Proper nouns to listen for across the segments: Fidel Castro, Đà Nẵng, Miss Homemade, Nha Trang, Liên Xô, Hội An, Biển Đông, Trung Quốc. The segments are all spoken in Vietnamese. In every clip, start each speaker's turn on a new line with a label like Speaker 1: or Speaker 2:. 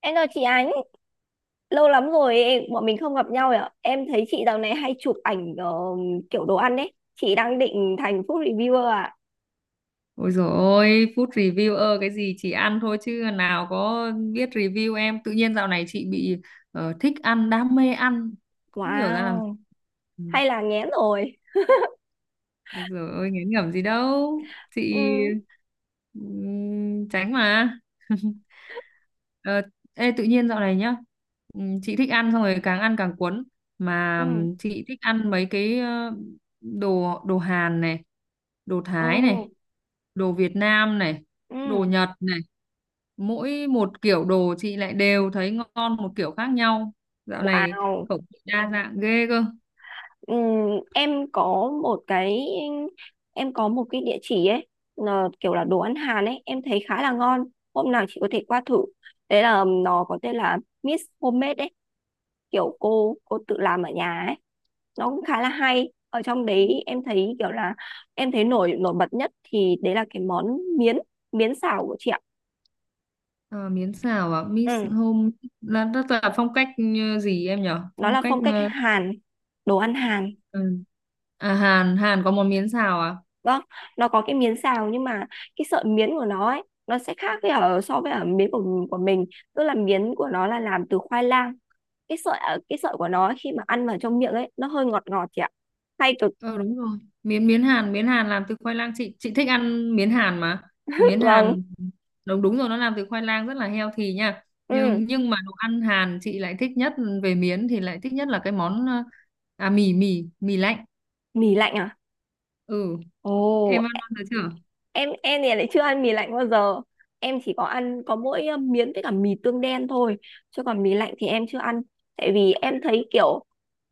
Speaker 1: Em chào chị Ánh, lâu lắm rồi bọn mình không gặp nhau ạ. Em thấy chị dạo này hay chụp ảnh, kiểu đồ ăn ấy. Chị đang định thành food reviewer à?
Speaker 2: Ôi dồi ôi, food reviewer cái gì chị ăn thôi chứ nào có biết review em. Tự nhiên dạo này chị bị thích ăn, đam mê ăn. Không hiểu ra làm.
Speaker 1: Wow,
Speaker 2: Ừ.
Speaker 1: hay là nghén rồi.
Speaker 2: Ôi dồi ôi, ngán ngẩm gì đâu. Chị
Speaker 1: Ừ,
Speaker 2: tránh mà. Ờ, ê, tự nhiên dạo này nhá, chị thích ăn xong rồi càng ăn càng cuốn,
Speaker 1: ừ,
Speaker 2: mà chị thích ăn mấy cái đồ đồ Hàn này, đồ
Speaker 1: ừ,
Speaker 2: Thái này, đồ Việt Nam này, đồ
Speaker 1: ừ.
Speaker 2: Nhật này. Mỗi một kiểu đồ chị lại đều thấy ngon một kiểu khác nhau. Dạo này
Speaker 1: Wow.
Speaker 2: khẩu vị đa dạng ghê cơ.
Speaker 1: Ừ, em có một cái em có một cái địa chỉ ấy, là kiểu là đồ ăn Hàn ấy, em thấy khá là ngon. Hôm nào chị có thể qua thử. Đấy là nó có tên là Miss Homemade ấy, kiểu cô tự làm ở nhà ấy, nó cũng khá là hay, ở trong đấy em thấy kiểu là em thấy nổi nổi bật nhất thì đấy là cái món miến miến xào của chị ạ.
Speaker 2: Ờ, miến xào à, Miss
Speaker 1: Ừ,
Speaker 2: Home là rất là phong cách, gì em nhở,
Speaker 1: nó
Speaker 2: phong
Speaker 1: là
Speaker 2: cách
Speaker 1: phong cách Hàn, đồ ăn Hàn.
Speaker 2: ừ. À, Hàn Hàn có món miến xào à?
Speaker 1: Đó, nó có cái miến xào nhưng mà cái sợi miến của nó ấy nó sẽ khác với ở so với ở miến của mình, tức là miến của nó là làm từ khoai lang. Cái sợi ở, cái sợi của nó khi mà ăn vào trong miệng ấy nó hơi ngọt ngọt chị ạ, hay cực.
Speaker 2: Ờ, đúng rồi. Miến miến Hàn làm từ khoai lang, chị thích ăn miến Hàn mà. Miến
Speaker 1: Vâng.
Speaker 2: Hàn đúng đúng rồi, nó làm từ khoai lang, rất là healthy nha.
Speaker 1: Ừ.
Speaker 2: Nhưng mà đồ ăn Hàn chị lại thích nhất, về miến thì lại thích nhất là cái món à, mì mì mì lạnh.
Speaker 1: Mì lạnh à?
Speaker 2: Ừ,
Speaker 1: Ồ,
Speaker 2: em ăn bao giờ chưa?
Speaker 1: em thì lại chưa ăn mì lạnh bao giờ, em chỉ có ăn có mỗi miến với cả mì tương đen thôi, chứ còn mì lạnh thì em chưa ăn. Tại vì em thấy kiểu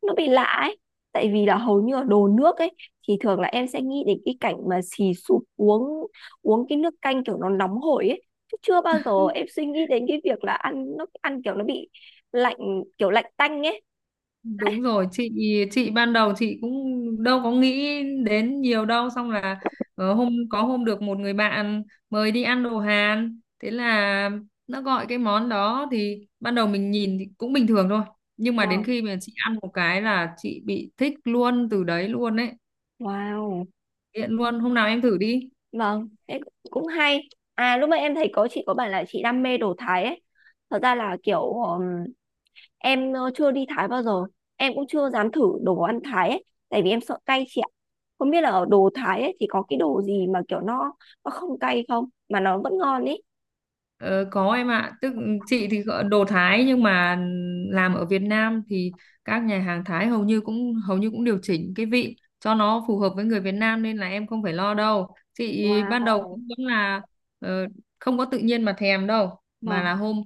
Speaker 1: nó bị lạ ấy, tại vì là hầu như ở đồ nước ấy thì thường là em sẽ nghĩ đến cái cảnh mà xì sụp uống uống cái nước canh kiểu nó nóng hổi ấy, chứ chưa bao giờ em suy nghĩ đến cái việc là ăn nó, ăn kiểu nó bị lạnh, kiểu lạnh tanh ấy.
Speaker 2: Đúng rồi, chị ban đầu chị cũng đâu có nghĩ đến nhiều đâu, xong là hôm có hôm được một người bạn mời đi ăn đồ Hàn, thế là nó gọi cái món đó thì ban đầu mình nhìn thì cũng bình thường thôi, nhưng mà đến
Speaker 1: Wow,
Speaker 2: khi mà chị ăn một cái là chị bị thích luôn từ đấy luôn ấy,
Speaker 1: wow.
Speaker 2: nghiện luôn, hôm nào em thử đi.
Speaker 1: Vâng, thế cũng hay. À, lúc nãy em thấy có chị có bảo là chị đam mê đồ Thái ấy. Thật ra là kiểu em chưa đi Thái bao giờ. Em cũng chưa dám thử đồ ăn Thái ấy, tại vì em sợ cay chị ạ. Không biết là ở đồ Thái ấy thì có cái đồ gì mà kiểu nó không cay không mà nó vẫn ngon ấy.
Speaker 2: Ờ, có em ạ, tức chị thì gọi đồ Thái nhưng mà làm ở Việt Nam thì các nhà hàng Thái hầu như cũng điều chỉnh cái vị cho nó phù hợp với người Việt Nam, nên là em không phải lo đâu. Chị ban đầu cũng
Speaker 1: Wow.
Speaker 2: vẫn là ờ, không có tự nhiên mà thèm đâu, mà
Speaker 1: Vâng,
Speaker 2: là hôm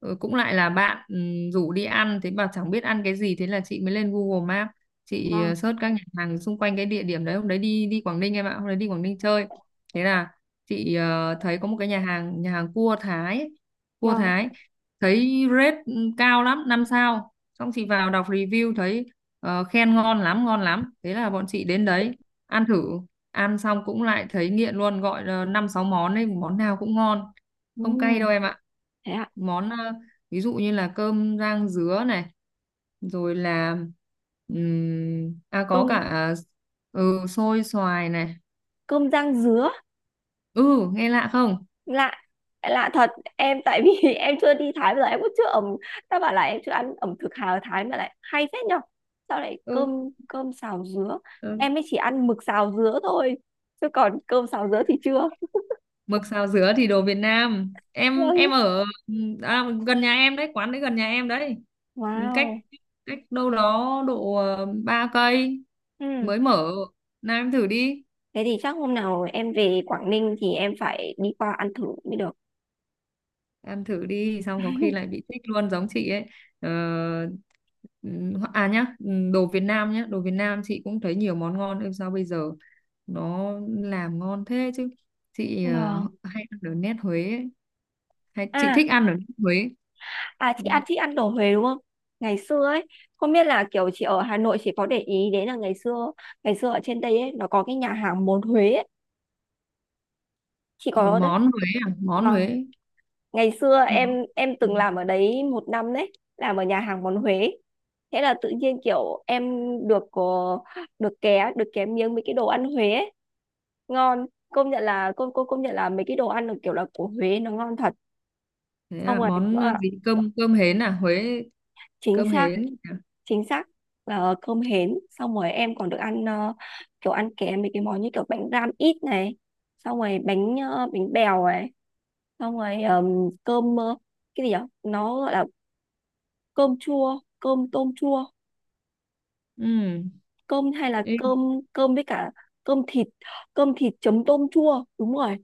Speaker 2: cũng lại là bạn rủ đi ăn, thế mà chẳng biết ăn cái gì, thế là chị mới lên Google Maps, chị
Speaker 1: vâng,
Speaker 2: search các nhà hàng xung quanh cái địa điểm đấy, hôm đấy đi đi Quảng Ninh em ạ, hôm đấy đi Quảng Ninh chơi. Thế là chị thấy có một cái nhà hàng cua Thái ấy, cua
Speaker 1: vâng.
Speaker 2: Thái thấy rate cao lắm, 5 sao. Xong chị vào đọc review thấy khen ngon lắm ngon lắm, thế là bọn chị đến đấy ăn thử, ăn xong cũng lại thấy nghiện luôn, gọi là năm sáu món ấy món nào cũng ngon, không cay đâu
Speaker 1: Ừm,
Speaker 2: em ạ.
Speaker 1: thế ạ.
Speaker 2: Món ví dụ như là cơm rang dứa này, rồi là à có
Speaker 1: Cơm
Speaker 2: cả, xôi xoài này.
Speaker 1: cơm rang dứa.
Speaker 2: Ừ, nghe lạ không?
Speaker 1: Lạ, lạ thật. Em tại vì em chưa đi Thái bao giờ, em cũng chưa ẩm, ta bảo là em chưa ăn ẩm thực Hà, ở Thái mà lại hay phết nhở, sao lại
Speaker 2: Ừ.
Speaker 1: cơm cơm xào dứa.
Speaker 2: Ừ.
Speaker 1: Em mới chỉ ăn mực xào dứa thôi, chứ còn cơm xào dứa thì chưa.
Speaker 2: Mực xào dứa thì đồ Việt Nam. Em
Speaker 1: Vâng.
Speaker 2: em ở, à, gần nhà em đấy, quán đấy gần nhà em đấy. Cách
Speaker 1: Wow.
Speaker 2: cách đâu đó độ 3 cây,
Speaker 1: Ừ.
Speaker 2: mới mở. Nào em thử đi.
Speaker 1: Thế thì chắc hôm nào em về Quảng Ninh thì em phải đi qua ăn thử mới được.
Speaker 2: Ăn thử đi xong có khi lại bị thích luôn giống chị ấy. ờ, À nhá, đồ Việt Nam nhá, đồ Việt Nam chị cũng thấy nhiều món ngon, ơi sao bây giờ nó làm ngon thế chứ. Chị
Speaker 1: Vâng.
Speaker 2: hay ăn ở nét Huế ấy. Hay, chị
Speaker 1: À,
Speaker 2: thích ăn ở nét Huế.
Speaker 1: à, chị ăn
Speaker 2: Ừm.
Speaker 1: chị ăn đồ Huế đúng không? Ngày xưa ấy, không biết là kiểu chị ở Hà Nội chị có để ý đến là ngày xưa, ngày xưa ở trên đây ấy nó có cái nhà hàng món Huế ấy, chị
Speaker 2: Ờ,
Speaker 1: có đấy?
Speaker 2: món Huế à, món
Speaker 1: Vâng,
Speaker 2: Huế.
Speaker 1: ngày xưa
Speaker 2: Ừ.
Speaker 1: em
Speaker 2: Ừ.
Speaker 1: từng làm ở đấy một năm đấy, làm ở nhà hàng món Huế. Thế là tự nhiên kiểu em được có được ké miếng mấy cái đồ ăn Huế ấy. Ngon, công nhận là cô công nhận là mấy cái đồ ăn được kiểu là của Huế nó ngon thật.
Speaker 2: Thế
Speaker 1: Xong
Speaker 2: à,
Speaker 1: rồi
Speaker 2: món gì, cơm cơm hến à, Huế,
Speaker 1: chính
Speaker 2: cơm
Speaker 1: xác,
Speaker 2: hến à.
Speaker 1: chính xác là cơm hến, xong rồi em còn được ăn kiểu ăn kèm mấy cái món như kiểu bánh ram ít này, xong rồi bánh bèo này, xong rồi cơm cái gì nhở, nó gọi là cơm chua, cơm tôm chua,
Speaker 2: Ừ.
Speaker 1: cơm hay là
Speaker 2: Ê,
Speaker 1: cơm cơm với cả cơm thịt cơm thịt chấm tôm chua, đúng rồi.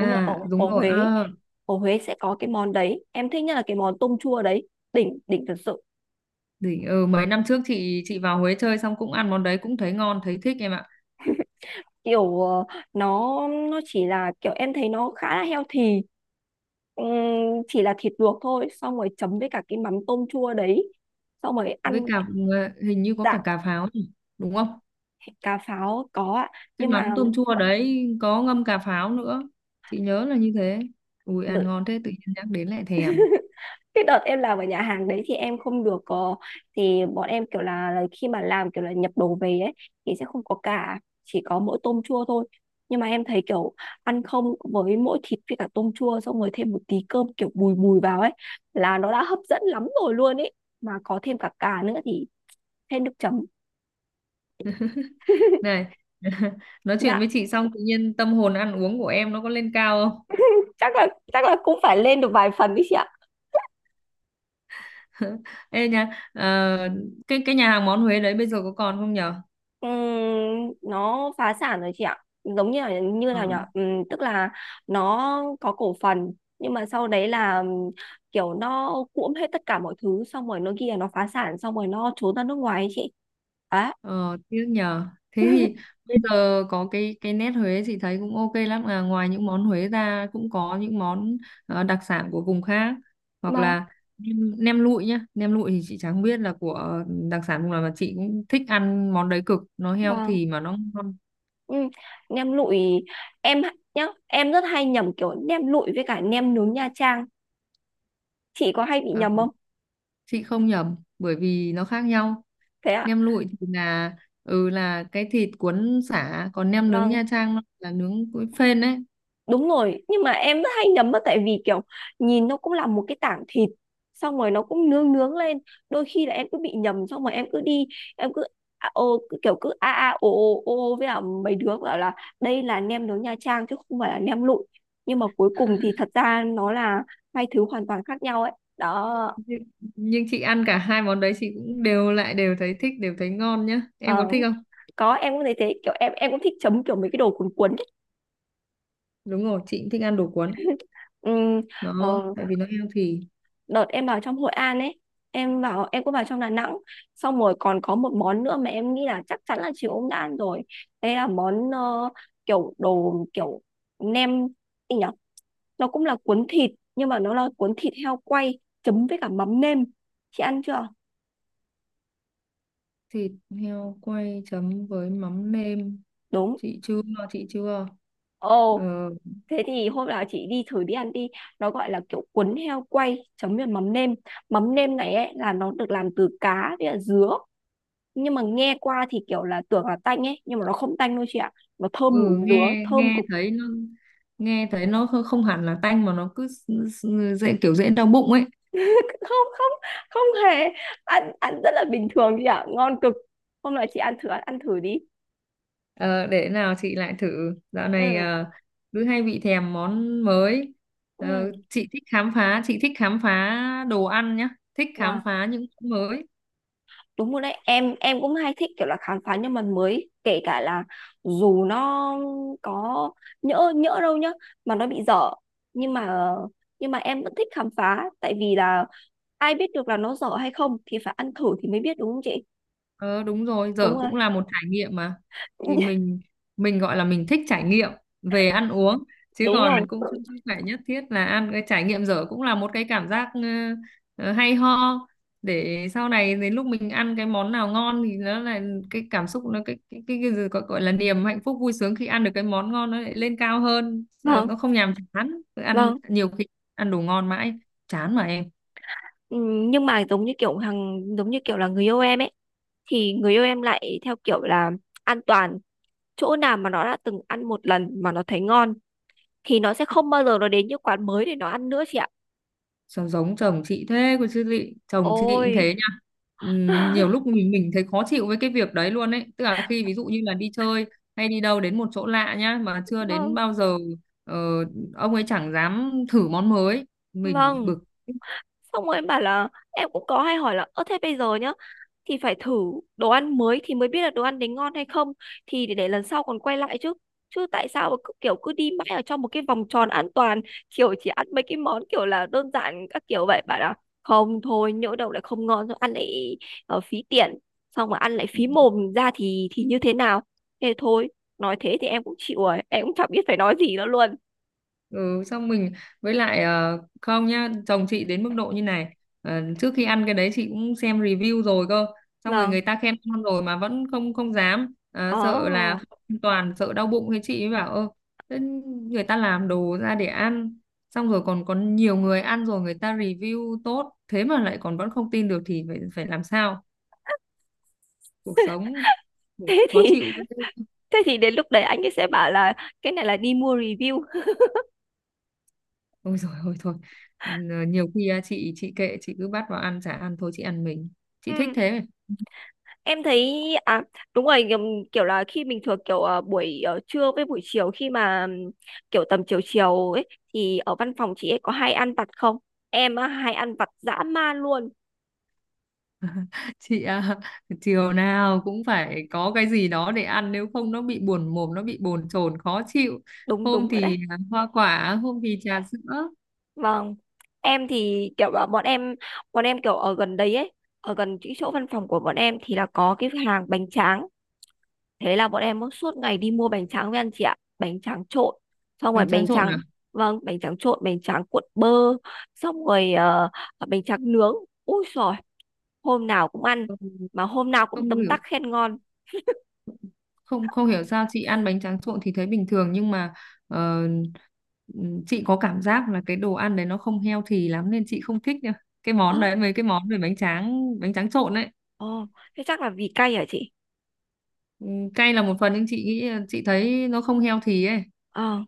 Speaker 1: Đúng rồi
Speaker 2: đúng
Speaker 1: ở
Speaker 2: rồi,
Speaker 1: Huế. Ở Huế sẽ có cái món đấy, em thích nhất là cái món tôm chua đấy, đỉnh, đỉnh thật sự.
Speaker 2: đỉnh. Ừ, Mấy năm trước chị vào Huế chơi xong cũng ăn món đấy cũng thấy ngon, thấy thích em ạ.
Speaker 1: Kiểu nó chỉ là kiểu em thấy nó khá là healthy. Ừm, chỉ là thịt luộc thôi, xong rồi chấm với cả cái mắm tôm chua đấy, xong rồi
Speaker 2: Với
Speaker 1: ăn.
Speaker 2: cả hình như có
Speaker 1: Dạ,
Speaker 2: cả cà pháo nhỉ, đúng không?
Speaker 1: thịt cá pháo có ạ,
Speaker 2: Cái
Speaker 1: nhưng
Speaker 2: mắm
Speaker 1: mà
Speaker 2: tôm chua đấy có ngâm cà pháo nữa. Chị nhớ là như thế. Ui, ăn
Speaker 1: tự
Speaker 2: ngon thế tự nhiên nhắc đến lại thèm.
Speaker 1: cái đợt em làm ở nhà hàng đấy thì em không được có, thì bọn em kiểu là khi mà làm kiểu là nhập đồ về ấy thì sẽ không có cả, chỉ có mỗi tôm chua thôi. Nhưng mà em thấy kiểu ăn không với mỗi thịt với cả tôm chua, xong rồi thêm một tí cơm kiểu bùi bùi vào ấy là nó đã hấp dẫn lắm rồi luôn ấy, mà có thêm cả cà nữa thì thêm nước chấm.
Speaker 2: Này, nói chuyện với
Speaker 1: Dạ,
Speaker 2: chị xong tự nhiên tâm hồn ăn uống của em nó có lên cao không?
Speaker 1: chắc là chắc là cũng phải lên được vài phần đấy chị ạ.
Speaker 2: Ê nha, ờ, cái nhà hàng món Huế đấy bây giờ có còn không nhở?
Speaker 1: Nó phá sản rồi chị ạ. Giống như là như
Speaker 2: Ờ.
Speaker 1: nào nhỉ, tức là nó có cổ phần, nhưng mà sau đấy là kiểu nó cuỗm hết tất cả mọi thứ, xong rồi nó phá sản, xong rồi nó trốn ra nước ngoài ấy chị á.
Speaker 2: Ờ, tiếc nhờ. Thế thì bây giờ có cái nét Huế chị thấy cũng ok lắm à. Ngoài những món Huế ra cũng có những món đặc sản của vùng khác. Hoặc
Speaker 1: Vâng,
Speaker 2: là nem nem lụi nhá. Nem lụi thì chị chẳng biết là của đặc sản vùng nào, mà chị cũng thích ăn món đấy cực. Nó
Speaker 1: vâng.
Speaker 2: healthy mà nó ngon.
Speaker 1: Ừ. Nem lụi, nhá, em rất hay nhầm kiểu nem lụi với cả nem nướng Nha Trang, chị có hay bị
Speaker 2: Ờ,
Speaker 1: nhầm không?
Speaker 2: chị không nhầm bởi vì nó khác nhau.
Speaker 1: Thế ạ.
Speaker 2: Nem lụi thì là là cái thịt cuốn sả, còn nem nướng
Speaker 1: Vâng,
Speaker 2: Nha Trang nó là nướng với phên đấy.
Speaker 1: đúng rồi, nhưng mà em rất hay nhầm á, tại vì kiểu nhìn nó cũng là một cái tảng thịt, xong rồi nó cũng nướng nướng lên, đôi khi là em cứ bị nhầm, xong rồi em cứ đi, em cứ à, ô cứ kiểu cứ a a ô ô ô ô với cả mấy đứa bảo là đây là nem nướng Nha Trang chứ không phải là nem lụi, nhưng mà cuối cùng thì thật ra nó là hai thứ hoàn toàn khác nhau ấy. Đó.
Speaker 2: nhưng, nhưng chị ăn cả hai món đấy chị cũng đều thấy thích, đều thấy ngon nhá, em có
Speaker 1: Ờ,
Speaker 2: thích không?
Speaker 1: có, em cũng thấy thế, kiểu em cũng thích chấm kiểu mấy cái đồ cuốn cuốn ấy.
Speaker 2: Đúng rồi, chị cũng thích ăn đồ cuốn,
Speaker 1: Ừm,
Speaker 2: nó
Speaker 1: ờ,
Speaker 2: tại vì nó healthy.
Speaker 1: đợt em vào trong Hội An ấy, em vào em cũng vào trong Đà Nẵng, xong rồi còn có một món nữa mà em nghĩ là chắc chắn là chị cũng đã ăn rồi, đấy là món kiểu đồ, kiểu nem, gì nhỉ, nó cũng là cuốn thịt nhưng mà nó là cuốn thịt heo quay chấm với cả mắm nêm, chị ăn chưa?
Speaker 2: Thịt heo quay chấm với mắm nêm,
Speaker 1: Đúng.
Speaker 2: chị chưa, chị chưa. ờ,
Speaker 1: Ồ, thế thì hôm nào chị đi thử, đi ăn đi. Nó gọi là kiểu cuốn heo quay chấm với mắm nêm, mắm nêm này ấy là nó được làm từ cá với cả dứa, nhưng mà nghe qua thì kiểu là tưởng là tanh ấy, nhưng mà nó không tanh đâu chị ạ, nó thơm mùi
Speaker 2: ừ
Speaker 1: dứa,
Speaker 2: nghe
Speaker 1: thơm cực.
Speaker 2: nghe thấy nó không không hẳn là tanh, mà nó cứ dễ đau bụng ấy.
Speaker 1: Không, không, không hề. Ăn ăn rất là bình thường chị ạ, ngon cực, hôm nào chị ăn thử, ăn thử đi.
Speaker 2: Ờ, để nào chị lại thử. Dạo này
Speaker 1: Ừ.
Speaker 2: cứ hay bị thèm món mới. Ờ,
Speaker 1: Ừ.
Speaker 2: chị thích khám phá, chị thích khám phá đồ ăn nhá, thích khám
Speaker 1: Là
Speaker 2: phá những món mới.
Speaker 1: đúng rồi đấy, em cũng hay thích kiểu là khám phá những mặt mới, kể cả là dù nó có, nhỡ nhỡ đâu nhá mà nó bị dở, nhưng mà, nhưng mà em vẫn thích khám phá, tại vì là ai biết được là nó dở hay không thì phải ăn thử thì mới biết đúng không chị.
Speaker 2: Ờ đúng rồi, dở
Speaker 1: Đúng rồi.
Speaker 2: cũng là một trải nghiệm mà. Thì mình gọi là mình thích trải nghiệm về ăn uống, chứ
Speaker 1: Đúng rồi.
Speaker 2: còn cũng không phải nhất thiết là ăn cái trải nghiệm dở, cũng là một cái cảm giác hay ho, để sau này đến lúc mình ăn cái món nào ngon thì nó là cái cảm xúc, nó gì gọi là niềm hạnh phúc vui sướng khi ăn được cái món ngon nó lại lên cao hơn. Ờ,
Speaker 1: Vâng.
Speaker 2: nó không nhàm chán, cứ ăn
Speaker 1: Vâng.
Speaker 2: nhiều khi ăn đồ ngon mãi chán mà em.
Speaker 1: Ừ, nhưng mà giống như kiểu hàng, giống như kiểu là người yêu em ấy, thì người yêu em lại theo kiểu là an toàn, chỗ nào mà nó đã từng ăn một lần mà nó thấy ngon thì nó sẽ không bao giờ nó đến những quán mới để nó ăn nữa chị ạ.
Speaker 2: Sao giống chồng chị thế cơ chứ lị, chồng chị cũng
Speaker 1: Ôi.
Speaker 2: thế nha. Nhiều lúc mình thấy khó chịu với cái việc đấy luôn ấy, tức là khi ví dụ như là đi chơi hay đi đâu đến một chỗ lạ nhá mà chưa đến
Speaker 1: Vâng.
Speaker 2: bao giờ, ờ, ông ấy chẳng dám thử món mới, mình
Speaker 1: Vâng.
Speaker 2: bực.
Speaker 1: Xong rồi em bảo là em cũng có hay hỏi là, ơ thế bây giờ nhá, thì phải thử đồ ăn mới thì mới biết là đồ ăn đấy ngon hay không, thì để lần sau còn quay lại chứ, chứ tại sao mà cứ kiểu cứ đi mãi ở trong một cái vòng tròn an toàn, kiểu chỉ ăn mấy cái món kiểu là đơn giản các kiểu vậy bạn ạ, không, thôi nhỡ đâu lại không ngon rồi ăn lại, phí tiền, xong mà ăn lại phí mồm ra thì như thế nào, thế thôi. Nói thế thì em cũng chịu rồi, em cũng chẳng biết phải nói gì nữa luôn.
Speaker 2: Ừ Xong mình, với lại không nhá, chồng chị đến mức độ như này: trước khi ăn cái đấy chị cũng xem review rồi cơ, xong rồi
Speaker 1: Vâng.
Speaker 2: người ta khen ngon rồi mà vẫn không không dám, sợ là
Speaker 1: Ờ.
Speaker 2: không an toàn, sợ đau bụng, thế chị mới bảo: ơ thế người ta làm đồ ra để ăn, xong rồi còn có nhiều người ăn rồi người ta review tốt thế mà lại còn vẫn không tin được thì phải phải làm sao, cuộc sống
Speaker 1: thế thì
Speaker 2: khó chịu ghê.
Speaker 1: thế thì đến lúc đấy anh ấy sẽ bảo là cái này là đi mua review.
Speaker 2: Ôi rồi, ôi thôi. Nhiều khi à, chị kệ, chị cứ bắt vào ăn chả ăn thôi, chị ăn mình chị thích
Speaker 1: Ừ.
Speaker 2: thế.
Speaker 1: Em thấy à, đúng rồi, kiểu là khi mình thường kiểu buổi trưa với buổi chiều khi mà kiểu tầm chiều chiều ấy thì ở văn phòng chị ấy có hay ăn vặt không? Em á, hay ăn vặt dã man luôn.
Speaker 2: Chị à, chiều nào cũng phải có cái gì đó để ăn, nếu không nó bị buồn mồm, nó bị bồn chồn khó chịu,
Speaker 1: Đúng,
Speaker 2: hôm
Speaker 1: đúng rồi
Speaker 2: thì
Speaker 1: đấy.
Speaker 2: hoa quả, hôm thì trà sữa.
Speaker 1: Vâng. Em thì kiểu là bọn em kiểu ở gần đấy ấy, ở gần cái chỗ văn phòng của bọn em thì là có cái hàng bánh tráng. Thế là bọn em suốt ngày đi mua bánh tráng với anh chị ạ. Bánh tráng trộn. Xong rồi
Speaker 2: Bánh tráng
Speaker 1: bánh
Speaker 2: trộn à?
Speaker 1: tráng, vâng, bánh tráng trộn, bánh tráng cuộn bơ. Xong rồi à, bánh tráng nướng. Ui rồi, hôm nào cũng ăn,
Speaker 2: không
Speaker 1: mà hôm nào cũng
Speaker 2: không
Speaker 1: tấm
Speaker 2: hiểu
Speaker 1: tắc khen ngon.
Speaker 2: không không hiểu sao chị ăn bánh tráng trộn thì thấy bình thường, nhưng mà ờ, chị có cảm giác là cái đồ ăn đấy nó không healthy lắm nên chị không thích nữa, cái
Speaker 1: Ơ.
Speaker 2: món đấy, mấy cái món về bánh tráng trộn ấy.
Speaker 1: Ồ, thế chắc là vì cay hả chị?
Speaker 2: Ừ, cay là một phần nhưng chị nghĩ, chị thấy nó không healthy ấy.
Speaker 1: Ờ,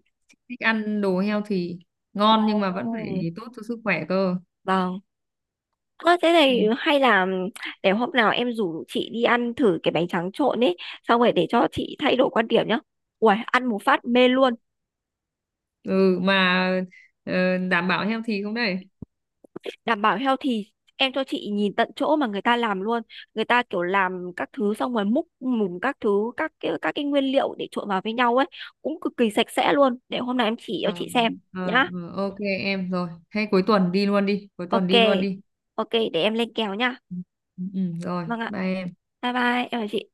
Speaker 2: Thích ăn đồ healthy, ngon nhưng mà vẫn phải
Speaker 1: ồ,
Speaker 2: tốt cho sức khỏe cơ.
Speaker 1: vâng. Ơ, thế
Speaker 2: Ừ,
Speaker 1: này hay là để hôm nào em rủ chị đi ăn thử cái bánh tráng trộn ấy, xong rồi để cho chị thay đổi quan điểm nhá. Uầy, ăn một phát mê luôn.
Speaker 2: ừ mà đảm bảo healthy không đây?
Speaker 1: Đảm bảo healthy, em cho chị nhìn tận chỗ mà người ta làm luôn, người ta kiểu làm các thứ, xong rồi múc mùng các thứ, các cái nguyên liệu để trộn vào với nhau ấy cũng cực kỳ sạch sẽ luôn, để hôm nào em chỉ cho
Speaker 2: ờ,
Speaker 1: chị xem. Nhá.
Speaker 2: ok em rồi, hay cuối tuần đi luôn đi, cuối tuần
Speaker 1: OK.
Speaker 2: đi luôn đi.
Speaker 1: OK, để em lên kèo nhá.
Speaker 2: Ừ, ừ, rồi
Speaker 1: Vâng ạ,
Speaker 2: bye em.
Speaker 1: bye bye, em chào chị.